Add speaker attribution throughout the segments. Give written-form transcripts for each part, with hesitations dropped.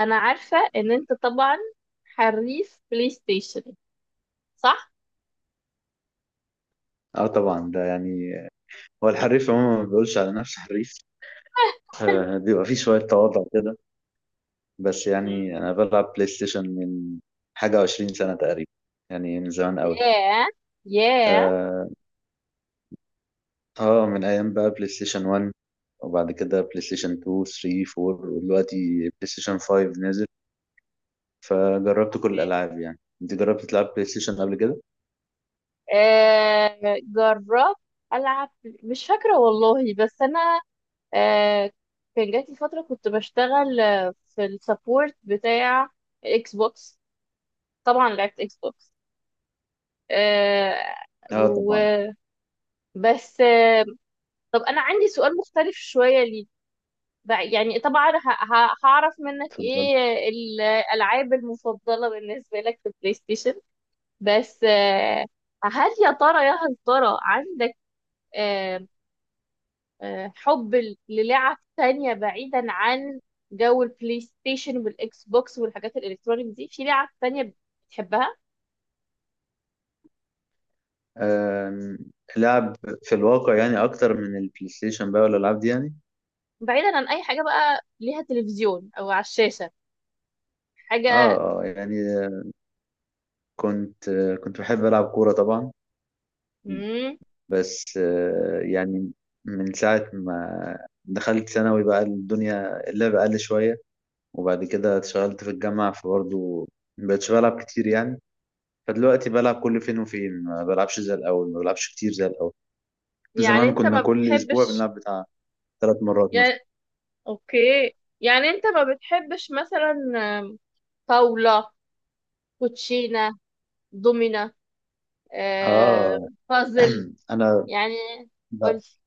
Speaker 1: انا عارفة ان انت طبعا حريف بلاي ستيشن صح؟
Speaker 2: اه طبعا ده يعني هو الحريف عموما ما بيقولش على نفسه حريف. بيبقى فيه شوية تواضع كده. بس
Speaker 1: مم.
Speaker 2: يعني أنا بلعب بلاي ستيشن من حاجة وعشرين سنة تقريبا، يعني من زمان أوي.
Speaker 1: ياه ياه
Speaker 2: آه, آه، من أيام بقى بلاي ستيشن 1، وبعد كده بلاي ستيشن 2 3 4، ودلوقتي بلاي ستيشن 5 نزل، فجربت كل
Speaker 1: أوكي.
Speaker 2: الألعاب. يعني أنت جربت تلعب بلاي ستيشن قبل كده؟
Speaker 1: جربت العب مش فاكرة والله بس انا آه، كان جاتي فترة كنت بشتغل في السبورت بتاع اكس بوكس طبعا لعبت اكس بوكس آه،
Speaker 2: اه طبعا.
Speaker 1: وبس. آه، طب انا عندي سؤال مختلف شوية ليك بقى يعني طبعا هعرف منك
Speaker 2: اتفضل.
Speaker 1: ايه الالعاب المفضله بالنسبه لك في البلاي ستيشن بس هل يا ترى يا هل ترى عندك آه، حب للعب تانية بعيدا عن جو البلاي ستيشن والاكس بوكس والحاجات الالكترونيك دي في لعب تانية بتحبها
Speaker 2: آه، لعب في الواقع يعني أكتر من البلاي ستيشن بقى والألعاب دي يعني.
Speaker 1: بعيدا عن اي حاجه بقى ليها تلفزيون او على الشاشه حاجه.
Speaker 2: اه اه يعني كنت كنت بحب ألعب كورة طبعا،
Speaker 1: مم،
Speaker 2: بس يعني من ساعة ما دخلت ثانوي بقى الدنيا اللعب قل شوية، وبعد كده اتشغلت في الجامعة فبرضه مبقتش بلعب كتير يعني. فدلوقتي بلعب كل فين وفين، ما بلعبش زي الأول، ما بلعبش كتير زي الأول.
Speaker 1: يعني
Speaker 2: زمان
Speaker 1: انت
Speaker 2: كنا
Speaker 1: ما
Speaker 2: كل أسبوع
Speaker 1: بتحبش
Speaker 2: بنلعب بتاع ثلاث مرات مثلا.
Speaker 1: يعني اوكي. يعني انت ما بتحبش مثلا آم، طاولة، كوتشينة، دومينة، آه،
Speaker 2: آه
Speaker 1: بازل.
Speaker 2: أنا
Speaker 1: يعني
Speaker 2: ب-
Speaker 1: قلت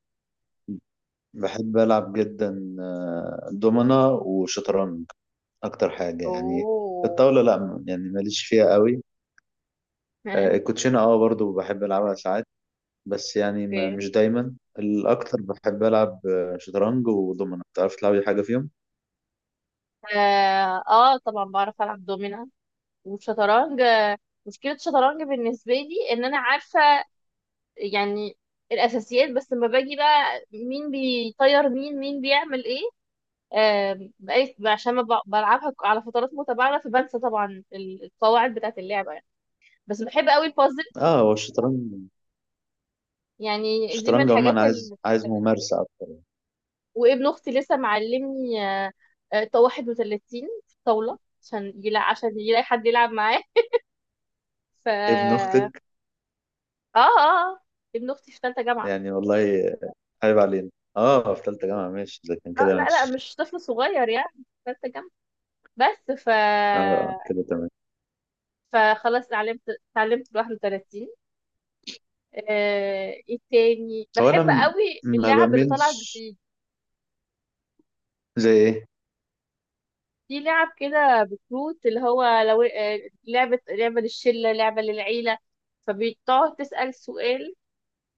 Speaker 2: بحب ألعب جدا دومنة وشطرنج، اكتر حاجه يعني.
Speaker 1: اوه.
Speaker 2: الطاوله لا يعني ماليش فيها قوي. الكوتشينه اه برضو بحب العبها ساعات، بس يعني ما
Speaker 1: اوكي.
Speaker 2: مش دايما الاكتر، بحب العب شطرنج ودومنه. بتعرف تلعبي حاجه فيهم؟
Speaker 1: اه طبعا بعرف العب دومينة والشطرنج. مشكلة الشطرنج بالنسبة لي ان انا عارفة يعني الاساسيات، بس لما باجي بقى مين بيطير مين مين بيعمل ايه بقيت عشان ما ب- بلعبها على فترات متباعدة فبنسى طبعا القواعد بتاعة اللعبة يعني. بس بحب قوي البازل،
Speaker 2: اه، هو الشطرنج،
Speaker 1: يعني دي من
Speaker 2: الشطرنج
Speaker 1: الحاجات
Speaker 2: عموما عايز
Speaker 1: ال...
Speaker 2: ممارسه اكتر.
Speaker 1: وابن اختي لسه معلمني طا 31 في الطاولة عشان يلا... عشان يلاقي حد يلعب معاه ف
Speaker 2: ابن
Speaker 1: اه.
Speaker 2: اختك؟
Speaker 1: اه آه، ابن اختي في ثالثة جامعة.
Speaker 2: يعني والله عيب علينا. اه، في ثالثه جامعه ماشي، اذا كان
Speaker 1: اه
Speaker 2: كده
Speaker 1: لا لا
Speaker 2: ماشي.
Speaker 1: مش طفل صغير يعني في ثالثة جامعة. بس ف
Speaker 2: اه كده تمام.
Speaker 1: فخلاص اتعلمت، اتعلمت 31. ايه تاني
Speaker 2: هو انا
Speaker 1: بحب قوي
Speaker 2: ما
Speaker 1: اللعب اللي طالعه
Speaker 2: بميلش.
Speaker 1: جديد،
Speaker 2: زي ايه؟
Speaker 1: في لعب كده بكروت اللي هو لو لعبه للشله لعبه للعيله، فبتقعد تسال سؤال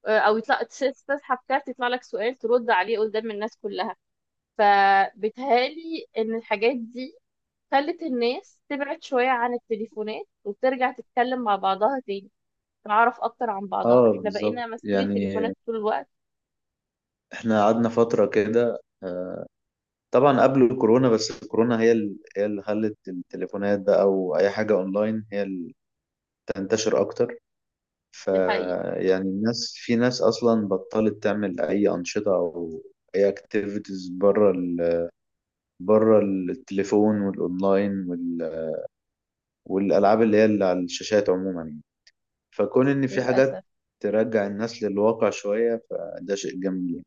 Speaker 1: او يطلع تسحب كارت يطلع لك سؤال ترد عليه قدام الناس كلها. فبتهالي ان الحاجات دي خلت الناس تبعد شويه عن التليفونات وترجع تتكلم مع بعضها تاني، تعرف اكتر عن بعضها.
Speaker 2: اه
Speaker 1: احنا
Speaker 2: بالظبط
Speaker 1: بقينا ماسكين
Speaker 2: يعني،
Speaker 1: التليفونات طول الوقت.
Speaker 2: احنا قعدنا فتره كده، طبعا قبل الكورونا، بس الكورونا هي هي اللي خلت التليفونات بقى او اي حاجه اونلاين هي اللي تنتشر اكتر.
Speaker 1: دي حقيقه.
Speaker 2: فيعني الناس، في ناس اصلا بطلت تعمل اي انشطه او اي اكتيفيتيز بره بره التليفون والاونلاين والالعاب اللي هي اللي على الشاشات عموما يعني. فكون ان في حاجات
Speaker 1: للاسف
Speaker 2: ترجع الناس للواقع شويه، فده شيء جميل يعني.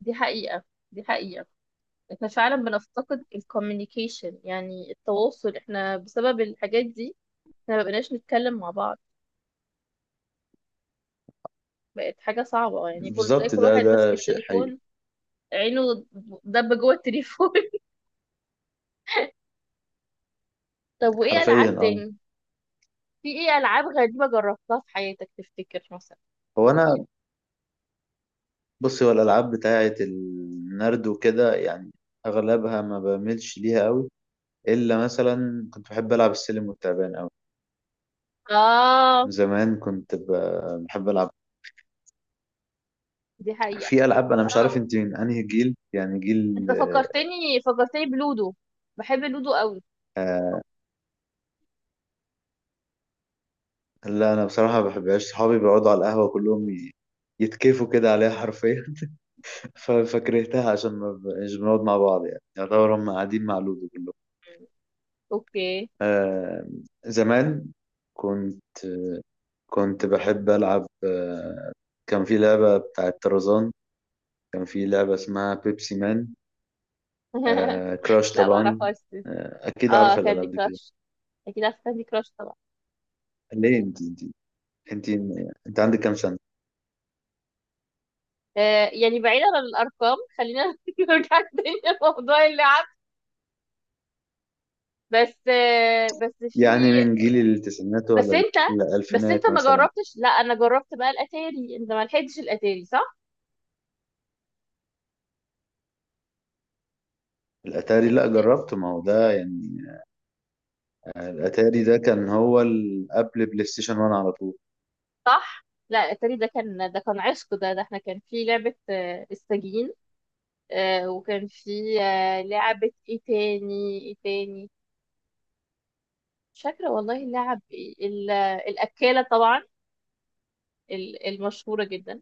Speaker 1: دي حقيقة دي حقيقة. احنا فعلا بنفتقد الكوميونيكيشن يعني التواصل، احنا بسبب الحاجات دي مبقناش نتكلم مع بعض. بقت حاجة صعبة يعني، كل زي
Speaker 2: بالظبط،
Speaker 1: كل
Speaker 2: ده
Speaker 1: واحد ماسك
Speaker 2: ده شيء حقيقي،
Speaker 1: التليفون، عينه دب جوه التليفون. طب وايه ألعاب
Speaker 2: حرفيا اه.
Speaker 1: تاني؟ في ايه ألعاب غريبة جربتها في حياتك تفتكر مثلا؟
Speaker 2: هو انا، بصي، هو الألعاب بتاعة النرد وكده يعني أغلبها ما بعملش ليها قوي، إلا مثلا كنت بحب ألعب السلم والتعبان قوي.
Speaker 1: اه
Speaker 2: من زمان كنت بحب ألعب.
Speaker 1: دي حقيقة.
Speaker 2: في ألعاب أنا مش عارف
Speaker 1: اه
Speaker 2: أنت من أنهي جيل، يعني جيل.
Speaker 1: انت فكرتني بلودو، بحب لودو قوي.
Speaker 2: آه لا أنا بصراحة ما بحبهاش. صحابي بيقعدوا على القهوة كلهم يتكيفوا كده عليها حرفيا. فكرهتها عشان ما ب- مش بنقعد مع بعض يعني، يعتبر هم قاعدين مع لودو كلهم.
Speaker 1: اوكي.
Speaker 2: آه زمان كنت كنت بحب ألعب، كان في لعبة بتاعة طرزان، كان في لعبة اسمها بيبسي مان، آه، كراش
Speaker 1: لا
Speaker 2: طبعا.
Speaker 1: معرفهاش دي.
Speaker 2: أكيد
Speaker 1: اه
Speaker 2: عارفة
Speaker 1: كاندي
Speaker 2: الألعاب دي كلها.
Speaker 1: كراش، اكيد عارفه كاندي كراش طبعا.
Speaker 2: ليه؟ أنت أنت عندك كام سنة؟
Speaker 1: آه يعني بعيدا عن الارقام خلينا نرجع تاني لموضوع اللعب. بس آه بس في.
Speaker 2: يعني من جيل التسعينات
Speaker 1: بس
Speaker 2: ولا
Speaker 1: انت بس انت
Speaker 2: الألفينات
Speaker 1: ما
Speaker 2: مثلا؟
Speaker 1: جربتش. لا انا جربت بقى الاتاري. انت ما لحقتش الاتاري صح؟
Speaker 2: الأتاري؟ لا جربته، ما هو ده يعني، الأتاري ده كان هو قبل بلاي ستيشن 1 على طول.
Speaker 1: صح، لا الاتاري ده كان عشق. ده ده احنا كان في لعبه السجين، آه وكان في آه لعبه ايه تاني مش فاكره والله اللعب إيه. الاكاله طبعا، المشهوره جدا.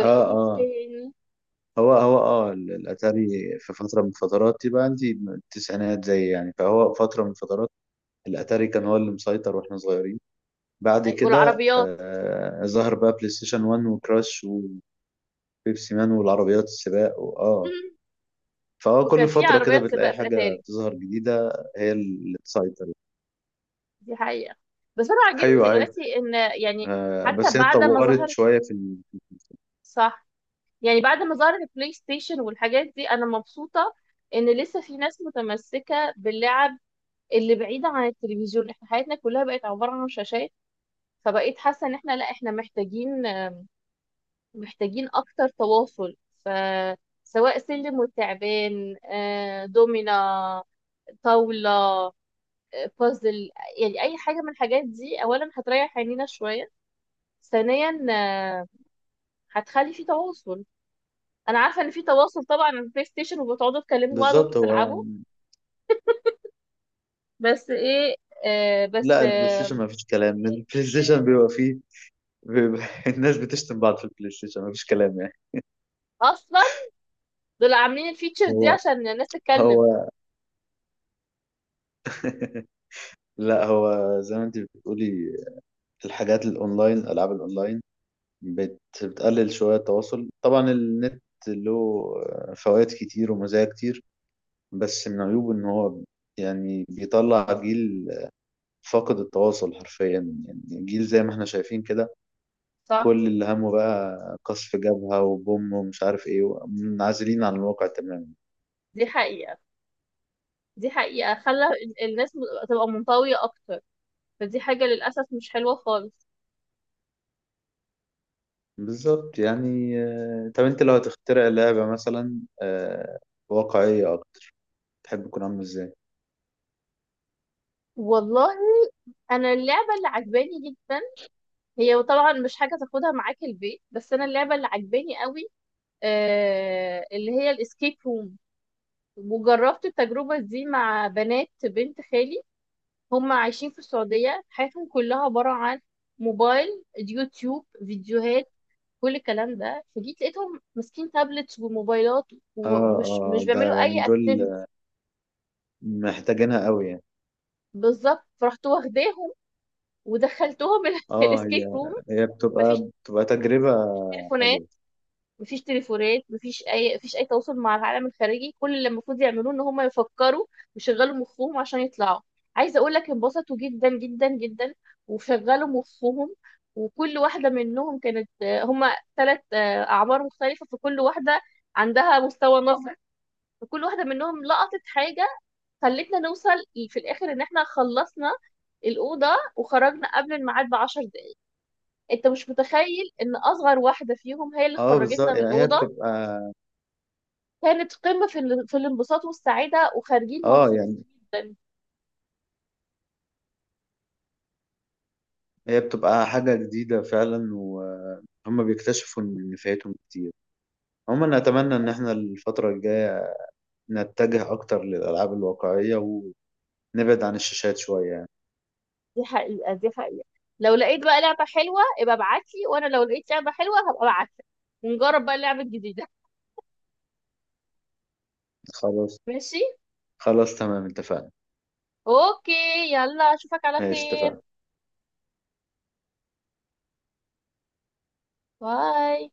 Speaker 2: اه اه،
Speaker 1: تاني؟
Speaker 2: هو اه الاتاري في فتره من فترات، يبقى عندي التسعينات زي يعني، فهو فتره من فترات الاتاري كان هو اللي مسيطر واحنا صغيرين. بعد كده
Speaker 1: والعربيات.
Speaker 2: آه ظهر بقى بلاي ستيشن 1 وكراش وبيبسي مان والعربيات السباق واه.
Speaker 1: مم.
Speaker 2: فهو
Speaker 1: وكان
Speaker 2: كل
Speaker 1: في
Speaker 2: فترة كده
Speaker 1: عربيات سباق
Speaker 2: بتلاقي
Speaker 1: في
Speaker 2: حاجة
Speaker 1: الاتاري.
Speaker 2: تظهر جديدة هي اللي تسيطر.
Speaker 1: دي حقيقة. بس انا عاجبني
Speaker 2: ايوه ايوه.
Speaker 1: دلوقتي ان يعني
Speaker 2: آه
Speaker 1: حتى
Speaker 2: بس هي
Speaker 1: بعد ما
Speaker 2: اتطورت
Speaker 1: ظهرت.
Speaker 2: شوية في
Speaker 1: صح، يعني بعد ما ظهرت البلاي ستيشن والحاجات دي انا مبسوطة ان لسه في ناس متمسكة باللعب اللي بعيدة عن التلفزيون. احنا حياتنا كلها بقت عبارة عن شاشات، فبقيت حاسة ان احنا لا احنا محتاجين اكتر تواصل. فسواء سلم وتعبان دومينا، طاولة، بازل، يعني اي حاجه من الحاجات دي اولا هتريح عينينا شويه، ثانيا هتخلي في تواصل. انا عارفه ان في تواصل طبعا على البلاي ستيشن وبتقعدوا تكلموا بعض وانتوا
Speaker 2: بالظبط هو.
Speaker 1: بتلعبوا، بس ايه آه بس
Speaker 2: لا البلاي ستيشن
Speaker 1: آه
Speaker 2: ما فيش كلام، البلاي ستيشن بيبقى فيه، بيبقى الناس بتشتم بعض في البلاي ستيشن، ما فيش كلام يعني.
Speaker 1: اصلا دول عاملين الفيتشر دي
Speaker 2: هو
Speaker 1: عشان الناس تتكلم.
Speaker 2: هو لا هو زي ما انت بتقولي، الحاجات الاونلاين، العاب الاونلاين بتقلل شوية التواصل. طبعا النت له فوائد كتير ومزايا كتير، بس من عيوبه إن هو يعني بيطلع جيل فاقد التواصل حرفيا. يعني جيل زي ما احنا شايفين كده،
Speaker 1: صح.
Speaker 2: كل اللي همه بقى قصف جبهة وبوم ومش عارف ايه، منعزلين عن الواقع تماما.
Speaker 1: دي حقيقه دي حقيقه، خلى الناس تبقى منطويه اكتر، فدي حاجه للاسف مش حلوه خالص.
Speaker 2: بالظبط يعني. طب انت لو هتخترع لعبة مثلا، واقعية أكتر، تحب تكون عاملة ازاي؟
Speaker 1: والله انا اللعبه اللي عجباني جدا هي طبعا مش حاجه تاخدها معاك البيت، بس انا اللعبه اللي عجباني قوي اللي هي الاسكيب روم. وجربت التجربة دي مع بنات بنت خالي، هم عايشين في السعودية حياتهم كلها عبارة عن موبايل، يوتيوب، فيديوهات، كل الكلام ده. فجيت لقيتهم ماسكين تابلتس وموبايلات
Speaker 2: اه
Speaker 1: ومش
Speaker 2: اه
Speaker 1: مش
Speaker 2: ده
Speaker 1: بيعملوا
Speaker 2: يعني
Speaker 1: اي
Speaker 2: دول
Speaker 1: اكتيفيتي.
Speaker 2: محتاجينها قوي يعني.
Speaker 1: بالظبط فرحت واخداهم ودخلتهم
Speaker 2: اه،
Speaker 1: الاسكيب
Speaker 2: هي
Speaker 1: روم.
Speaker 2: هي
Speaker 1: مفيش
Speaker 2: بتبقى تجربة
Speaker 1: تليفونات
Speaker 2: حلوة.
Speaker 1: مفيش تليفونات، مفيش اي تواصل مع العالم الخارجي، كل اللي المفروض يعملوه ان هم يفكروا ويشغلوا مخهم عشان يطلعوا. عايزه اقول لك انبسطوا جدا جدا جدا وشغلوا مخهم. وكل واحده منهم كانت هم 3 اعمار مختلفه، فكل واحده عندها مستوى نظر، فكل واحده منهم لقطت حاجه، خلتنا نوصل في الاخر ان احنا خلصنا الأوضة وخرجنا قبل الميعاد بـ10 دقايق. انت مش متخيل ان اصغر واحدة فيهم هي اللي
Speaker 2: اه
Speaker 1: خرجتنا
Speaker 2: بالظبط
Speaker 1: من
Speaker 2: يعني هي
Speaker 1: الأوضة.
Speaker 2: بتبقى.
Speaker 1: كانت قمة في في الانبساط والسعادة، وخارجين
Speaker 2: اه
Speaker 1: مبسوطين
Speaker 2: يعني
Speaker 1: جدا.
Speaker 2: هي بتبقى حاجة جديدة فعلا، وهم بيكتشفوا ان فايتهم كتير. عموما اتمنى ان احنا الفترة الجاية نتجه اكتر للالعاب الواقعية، ونبعد عن الشاشات شوية يعني.
Speaker 1: دي حقيقة دي حقيقة. لو لقيت بقى لعبة حلوة ابقى ابعتلي، وانا لو لقيت لعبة حلوة هبقى ابعتلك، ونجرب بقى اللعبة الجديدة.
Speaker 2: خلاص،
Speaker 1: ماشي.
Speaker 2: خلاص تمام، اتفقنا.
Speaker 1: اوكي، يلا اشوفك على
Speaker 2: ماشي
Speaker 1: خير.
Speaker 2: اتفقنا.
Speaker 1: باي.